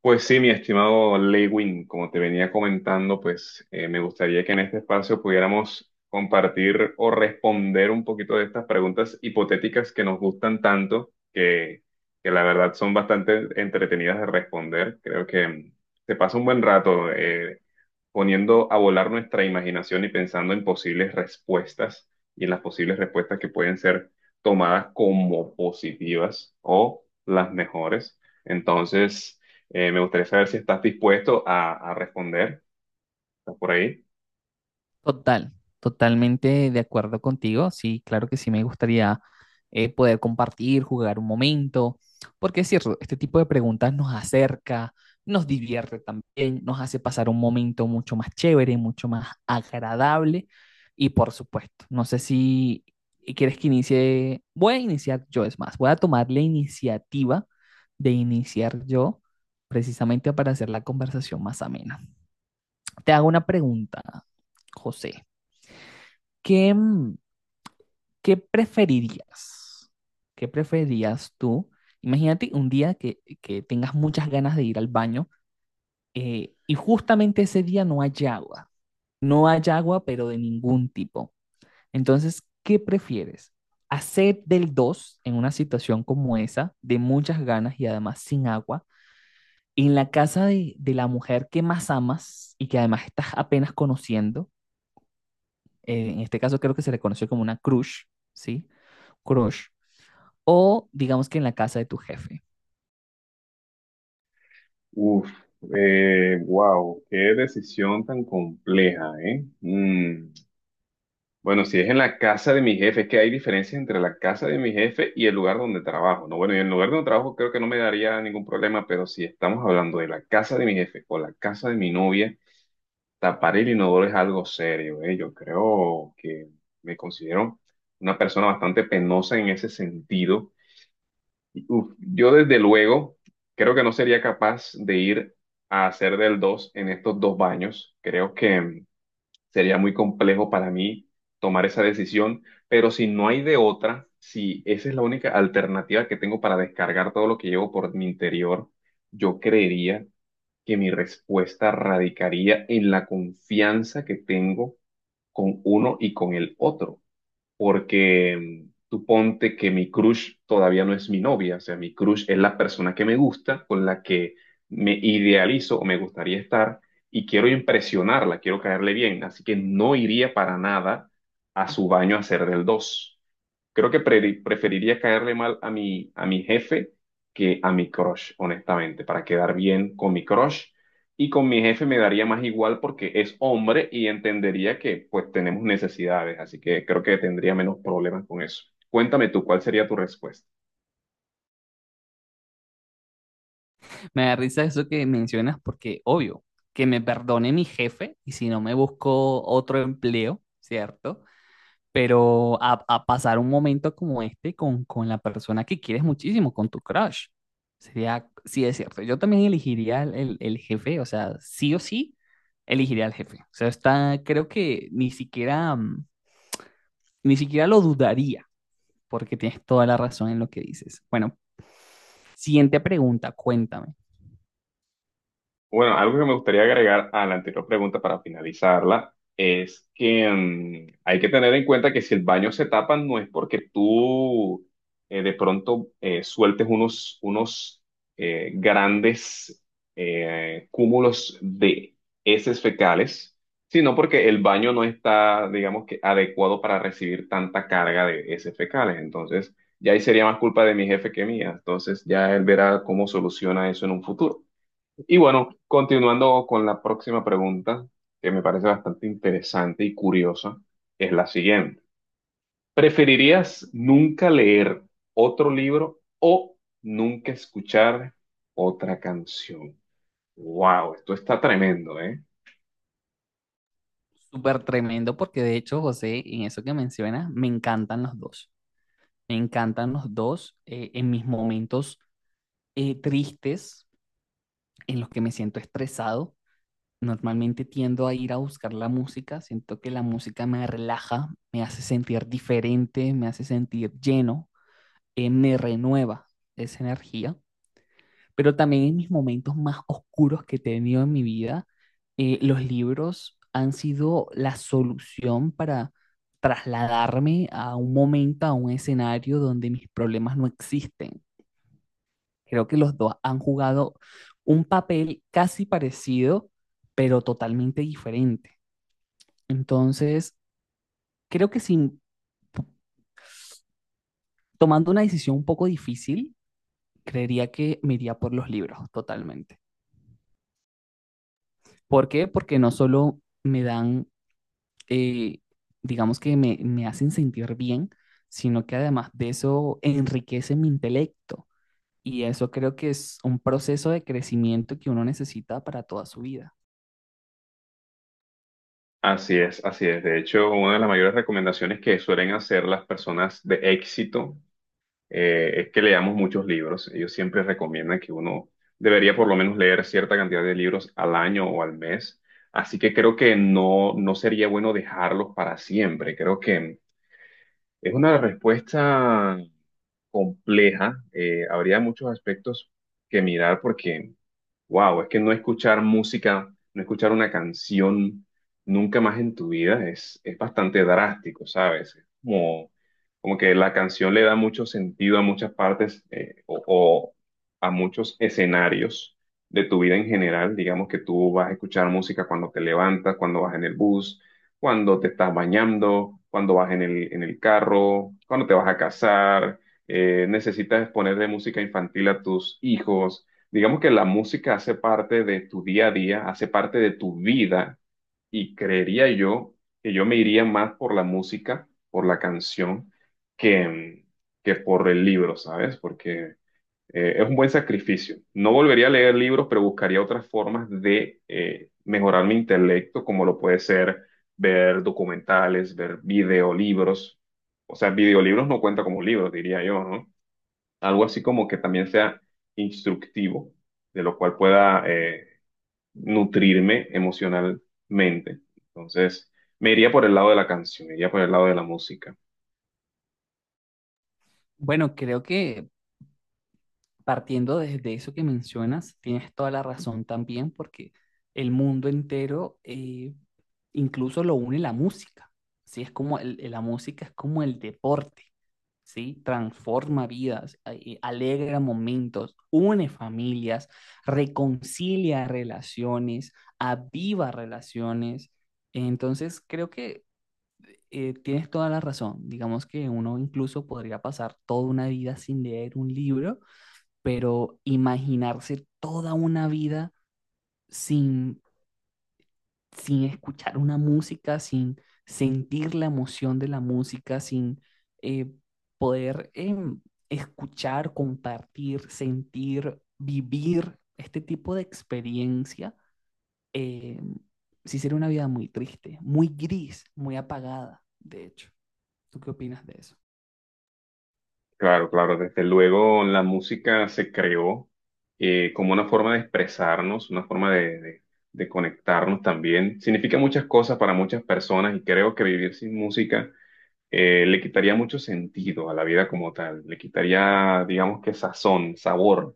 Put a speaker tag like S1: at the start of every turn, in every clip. S1: Pues sí, mi estimado Lewin, como te venía comentando, me gustaría que en este espacio pudiéramos compartir o responder un poquito de estas preguntas hipotéticas que nos gustan tanto, que la verdad son bastante entretenidas de responder. Creo que se pasa un buen rato, poniendo a volar nuestra imaginación y pensando en posibles respuestas y en las posibles respuestas que pueden ser tomadas como positivas o las mejores. Entonces, me gustaría saber si estás dispuesto a responder. ¿Estás por ahí?
S2: Total, totalmente de acuerdo contigo. Sí, claro que sí me gustaría poder compartir, jugar un momento, porque es cierto, este tipo de preguntas nos acerca, nos divierte también, nos hace pasar un momento mucho más chévere, mucho más agradable. Y por supuesto, no sé si quieres que inicie, voy a iniciar yo, es más, voy a tomar la iniciativa de iniciar yo, precisamente para hacer la conversación más amena. Te hago una pregunta, José. ¿Qué, mm, qué preferirías? ¿Qué preferirías tú? Imagínate un día que tengas muchas ganas de ir al baño y justamente ese día no hay agua. No hay agua, pero de ningún tipo. Entonces, ¿qué prefieres? ¿Hacer del 2 en una situación como esa, de muchas ganas y además sin agua, en la casa de la mujer que más amas y que además estás apenas conociendo? En este caso creo que se le conoció como una crush, ¿sí? Crush o digamos que en la casa de tu jefe.
S1: Uf, wow, qué decisión tan compleja, ¿eh? Mm. Bueno, si es en la casa de mi jefe, es que hay diferencias entre la casa de mi jefe y el lugar donde trabajo, ¿no? Bueno, y en el lugar donde trabajo creo que no me daría ningún problema, pero si estamos hablando de la casa de mi jefe o la casa de mi novia, tapar el inodoro es algo serio, ¿eh? Yo creo que me considero una persona bastante penosa en ese sentido. Y, uf, yo desde luego creo que no sería capaz de ir a hacer del dos en estos dos baños. Creo que sería muy complejo para mí tomar esa decisión, pero si no hay de otra, si esa es la única alternativa que tengo para descargar todo lo que llevo por mi interior, yo creería que mi respuesta radicaría en la confianza que tengo con uno y con el otro porque tú ponte que mi crush todavía no es mi novia, o sea, mi crush es la persona que me gusta, con la que me idealizo o me gustaría estar y quiero impresionarla, quiero caerle bien, así que no iría para nada a su baño a hacer del dos. Creo que preferiría caerle mal a mi jefe que a mi crush, honestamente, para quedar bien con mi crush. Y con mi jefe me daría más igual porque es hombre y entendería que pues tenemos necesidades, así que creo que tendría menos problemas con eso. Cuéntame tú, ¿cuál sería tu respuesta?
S2: Me da risa eso que mencionas porque, obvio, que me perdone mi jefe y si no me busco otro empleo, ¿cierto? Pero a pasar un momento como este con la persona que quieres muchísimo, con tu crush. Sería, sí es cierto, yo también elegiría el jefe, o sea, sí o sí, elegiría al jefe. O sea, está, creo que ni siquiera, ni siquiera lo dudaría, porque tienes toda la razón en lo que dices. Bueno, siguiente pregunta, cuéntame.
S1: Bueno, algo que me gustaría agregar a la anterior pregunta para finalizarla es que hay que tener en cuenta que si el baño se tapa no es porque tú de pronto sueltes unos grandes cúmulos de heces fecales, sino porque el baño no está, digamos que, adecuado para recibir tanta carga de heces fecales. Entonces, ya ahí sería más culpa de mi jefe que mía. Entonces, ya él verá cómo soluciona eso en un futuro. Y bueno, continuando con la próxima pregunta, que me parece bastante interesante y curiosa, es la siguiente. ¿Preferirías nunca leer otro libro o nunca escuchar otra canción? Wow, esto está tremendo, ¿eh?
S2: Súper tremendo porque de hecho, José, en eso que mencionas, me encantan los dos. Me encantan los dos en mis momentos tristes, en los que me siento estresado. Normalmente tiendo a ir a buscar la música, siento que la música me relaja, me hace sentir diferente, me hace sentir lleno, me renueva esa energía. Pero también en mis momentos más oscuros que he tenido en mi vida, los libros han sido la solución para trasladarme a un momento, a un escenario donde mis problemas no existen. Creo que los dos han jugado un papel casi parecido, pero totalmente diferente. Entonces, creo que sin tomando una decisión un poco difícil, creería que me iría por los libros totalmente. ¿Por qué? Porque no solo me dan eh, digamos que me hacen sentir bien, sino que además de eso enriquece mi intelecto. Y eso creo que es un proceso de crecimiento que uno necesita para toda su vida.
S1: Así es, así es. De hecho, una de las mayores recomendaciones que suelen hacer las personas de éxito es que leamos muchos libros. Ellos siempre recomiendan que uno debería por lo menos leer cierta cantidad de libros al año o al mes. Así que creo que no, no sería bueno dejarlos para siempre. Creo que es una respuesta compleja. Habría muchos aspectos que mirar porque wow, es que no escuchar música, no escuchar una canción nunca más en tu vida es bastante drástico, ¿sabes? Es como, como que la canción le da mucho sentido a muchas partes o a muchos escenarios de tu vida en general. Digamos que tú vas a escuchar música cuando te levantas, cuando vas en el bus, cuando te estás bañando, cuando vas en el carro, cuando te vas a casar, necesitas ponerle música infantil a tus hijos. Digamos que la música hace parte de tu día a día, hace parte de tu vida y creería yo que yo me iría más por la música, por la canción, que, que por el libro, ¿sabes? Porque es un buen sacrificio. No volvería a leer libros, pero buscaría otras formas de mejorar mi intelecto, como lo puede ser ver documentales, ver videolibros. O sea, videolibros no cuenta como libros, diría yo, ¿no? Algo así como que también sea instructivo, de lo cual pueda nutrirme emocionalmente. Entonces, me iría por el lado de la canción, me iría por el lado de la música.
S2: Bueno, creo que partiendo desde eso que mencionas, tienes toda la razón también porque el mundo entero incluso lo une la música, ¿sí? Es como la música es como el deporte, ¿sí? Transforma vidas, alegra momentos, une familias, reconcilia relaciones, aviva relaciones. Entonces, creo que tienes toda la razón. Digamos que uno incluso podría pasar toda una vida sin leer un libro, pero imaginarse toda una vida sin, sin escuchar una música, sin sentir la emoción de la música, sin eh, poder escuchar, compartir, sentir, vivir este tipo de experiencia, eh, sí sería una vida muy triste, muy gris, muy apagada, de hecho. ¿Tú qué opinas de eso?
S1: Claro, claro, desde luego la música se creó como una forma de expresarnos, una forma de, de conectarnos también. Significa muchas cosas para muchas personas y creo que vivir sin música le quitaría mucho sentido a la vida como tal, le quitaría, digamos que sazón, sabor.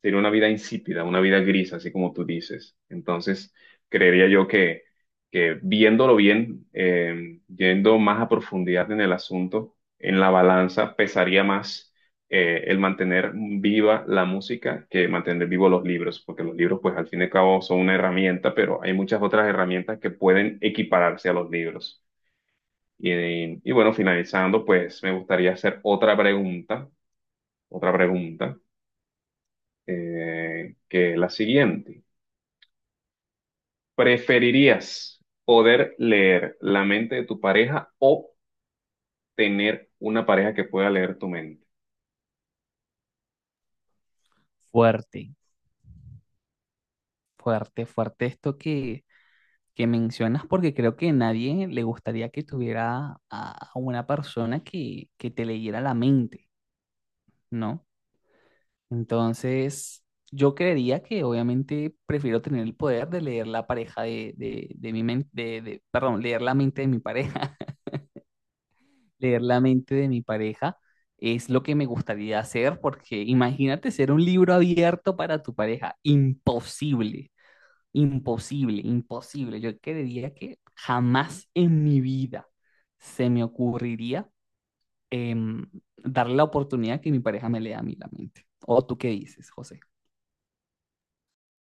S1: Sería una vida insípida, una vida gris, así como tú dices. Entonces, creería yo que viéndolo bien, yendo más a profundidad en el asunto, en la balanza pesaría más el mantener viva la música que mantener vivos los libros, porque los libros, pues al fin y al cabo, son una herramienta, pero hay muchas otras herramientas que pueden equipararse a los libros. Y, y bueno, finalizando, pues me gustaría hacer otra pregunta, otra pregunta, que es la siguiente. ¿Preferirías poder leer la mente de tu pareja o tener una pareja que pueda leer tu mente?
S2: Fuerte, fuerte, fuerte esto que mencionas porque creo que nadie le gustaría que tuviera a una persona que te leyera la mente, ¿no? Entonces, yo creería que obviamente prefiero tener el poder de leer la pareja de mi mente, de- perdón, leer la mente de mi pareja, leer la mente de mi pareja es lo que me gustaría hacer porque imagínate ser un libro abierto para tu pareja, imposible. Imposible, imposible. Yo creería que jamás en mi vida se me ocurriría em, darle la oportunidad que mi pareja me lea a mí la mente. ¿O tú qué dices, José?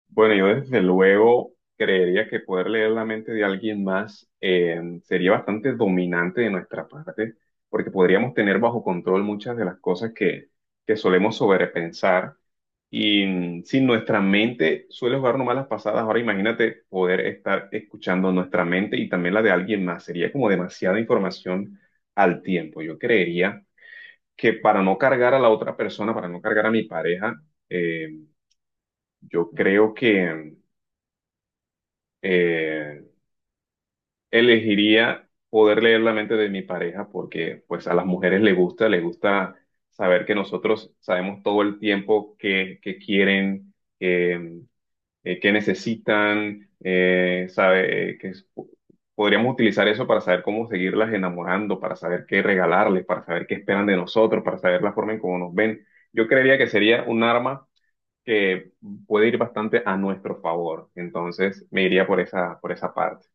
S1: Bueno, yo desde luego creería que poder leer la mente de alguien más sería bastante dominante de nuestra parte, porque podríamos tener bajo control muchas de las cosas que solemos sobrepensar. Y si nuestra mente suele jugarnos malas pasadas, ahora imagínate poder estar escuchando nuestra mente y también la de alguien más. Sería como demasiada información al tiempo. Yo creería que para no cargar a la otra persona, para no cargar a mi pareja, eh, yo creo que eh, elegiría poder leer la mente de mi pareja porque pues a las mujeres les gusta saber que nosotros sabemos todo el tiempo que quieren, eh, qué necesitan, podríamos utilizar eso para saber cómo seguirlas enamorando, para saber qué regalarles, para saber qué esperan de nosotros, para saber la forma en cómo nos ven. Yo creería que sería un arma que puede ir bastante a nuestro favor. Entonces, me iría por esa parte.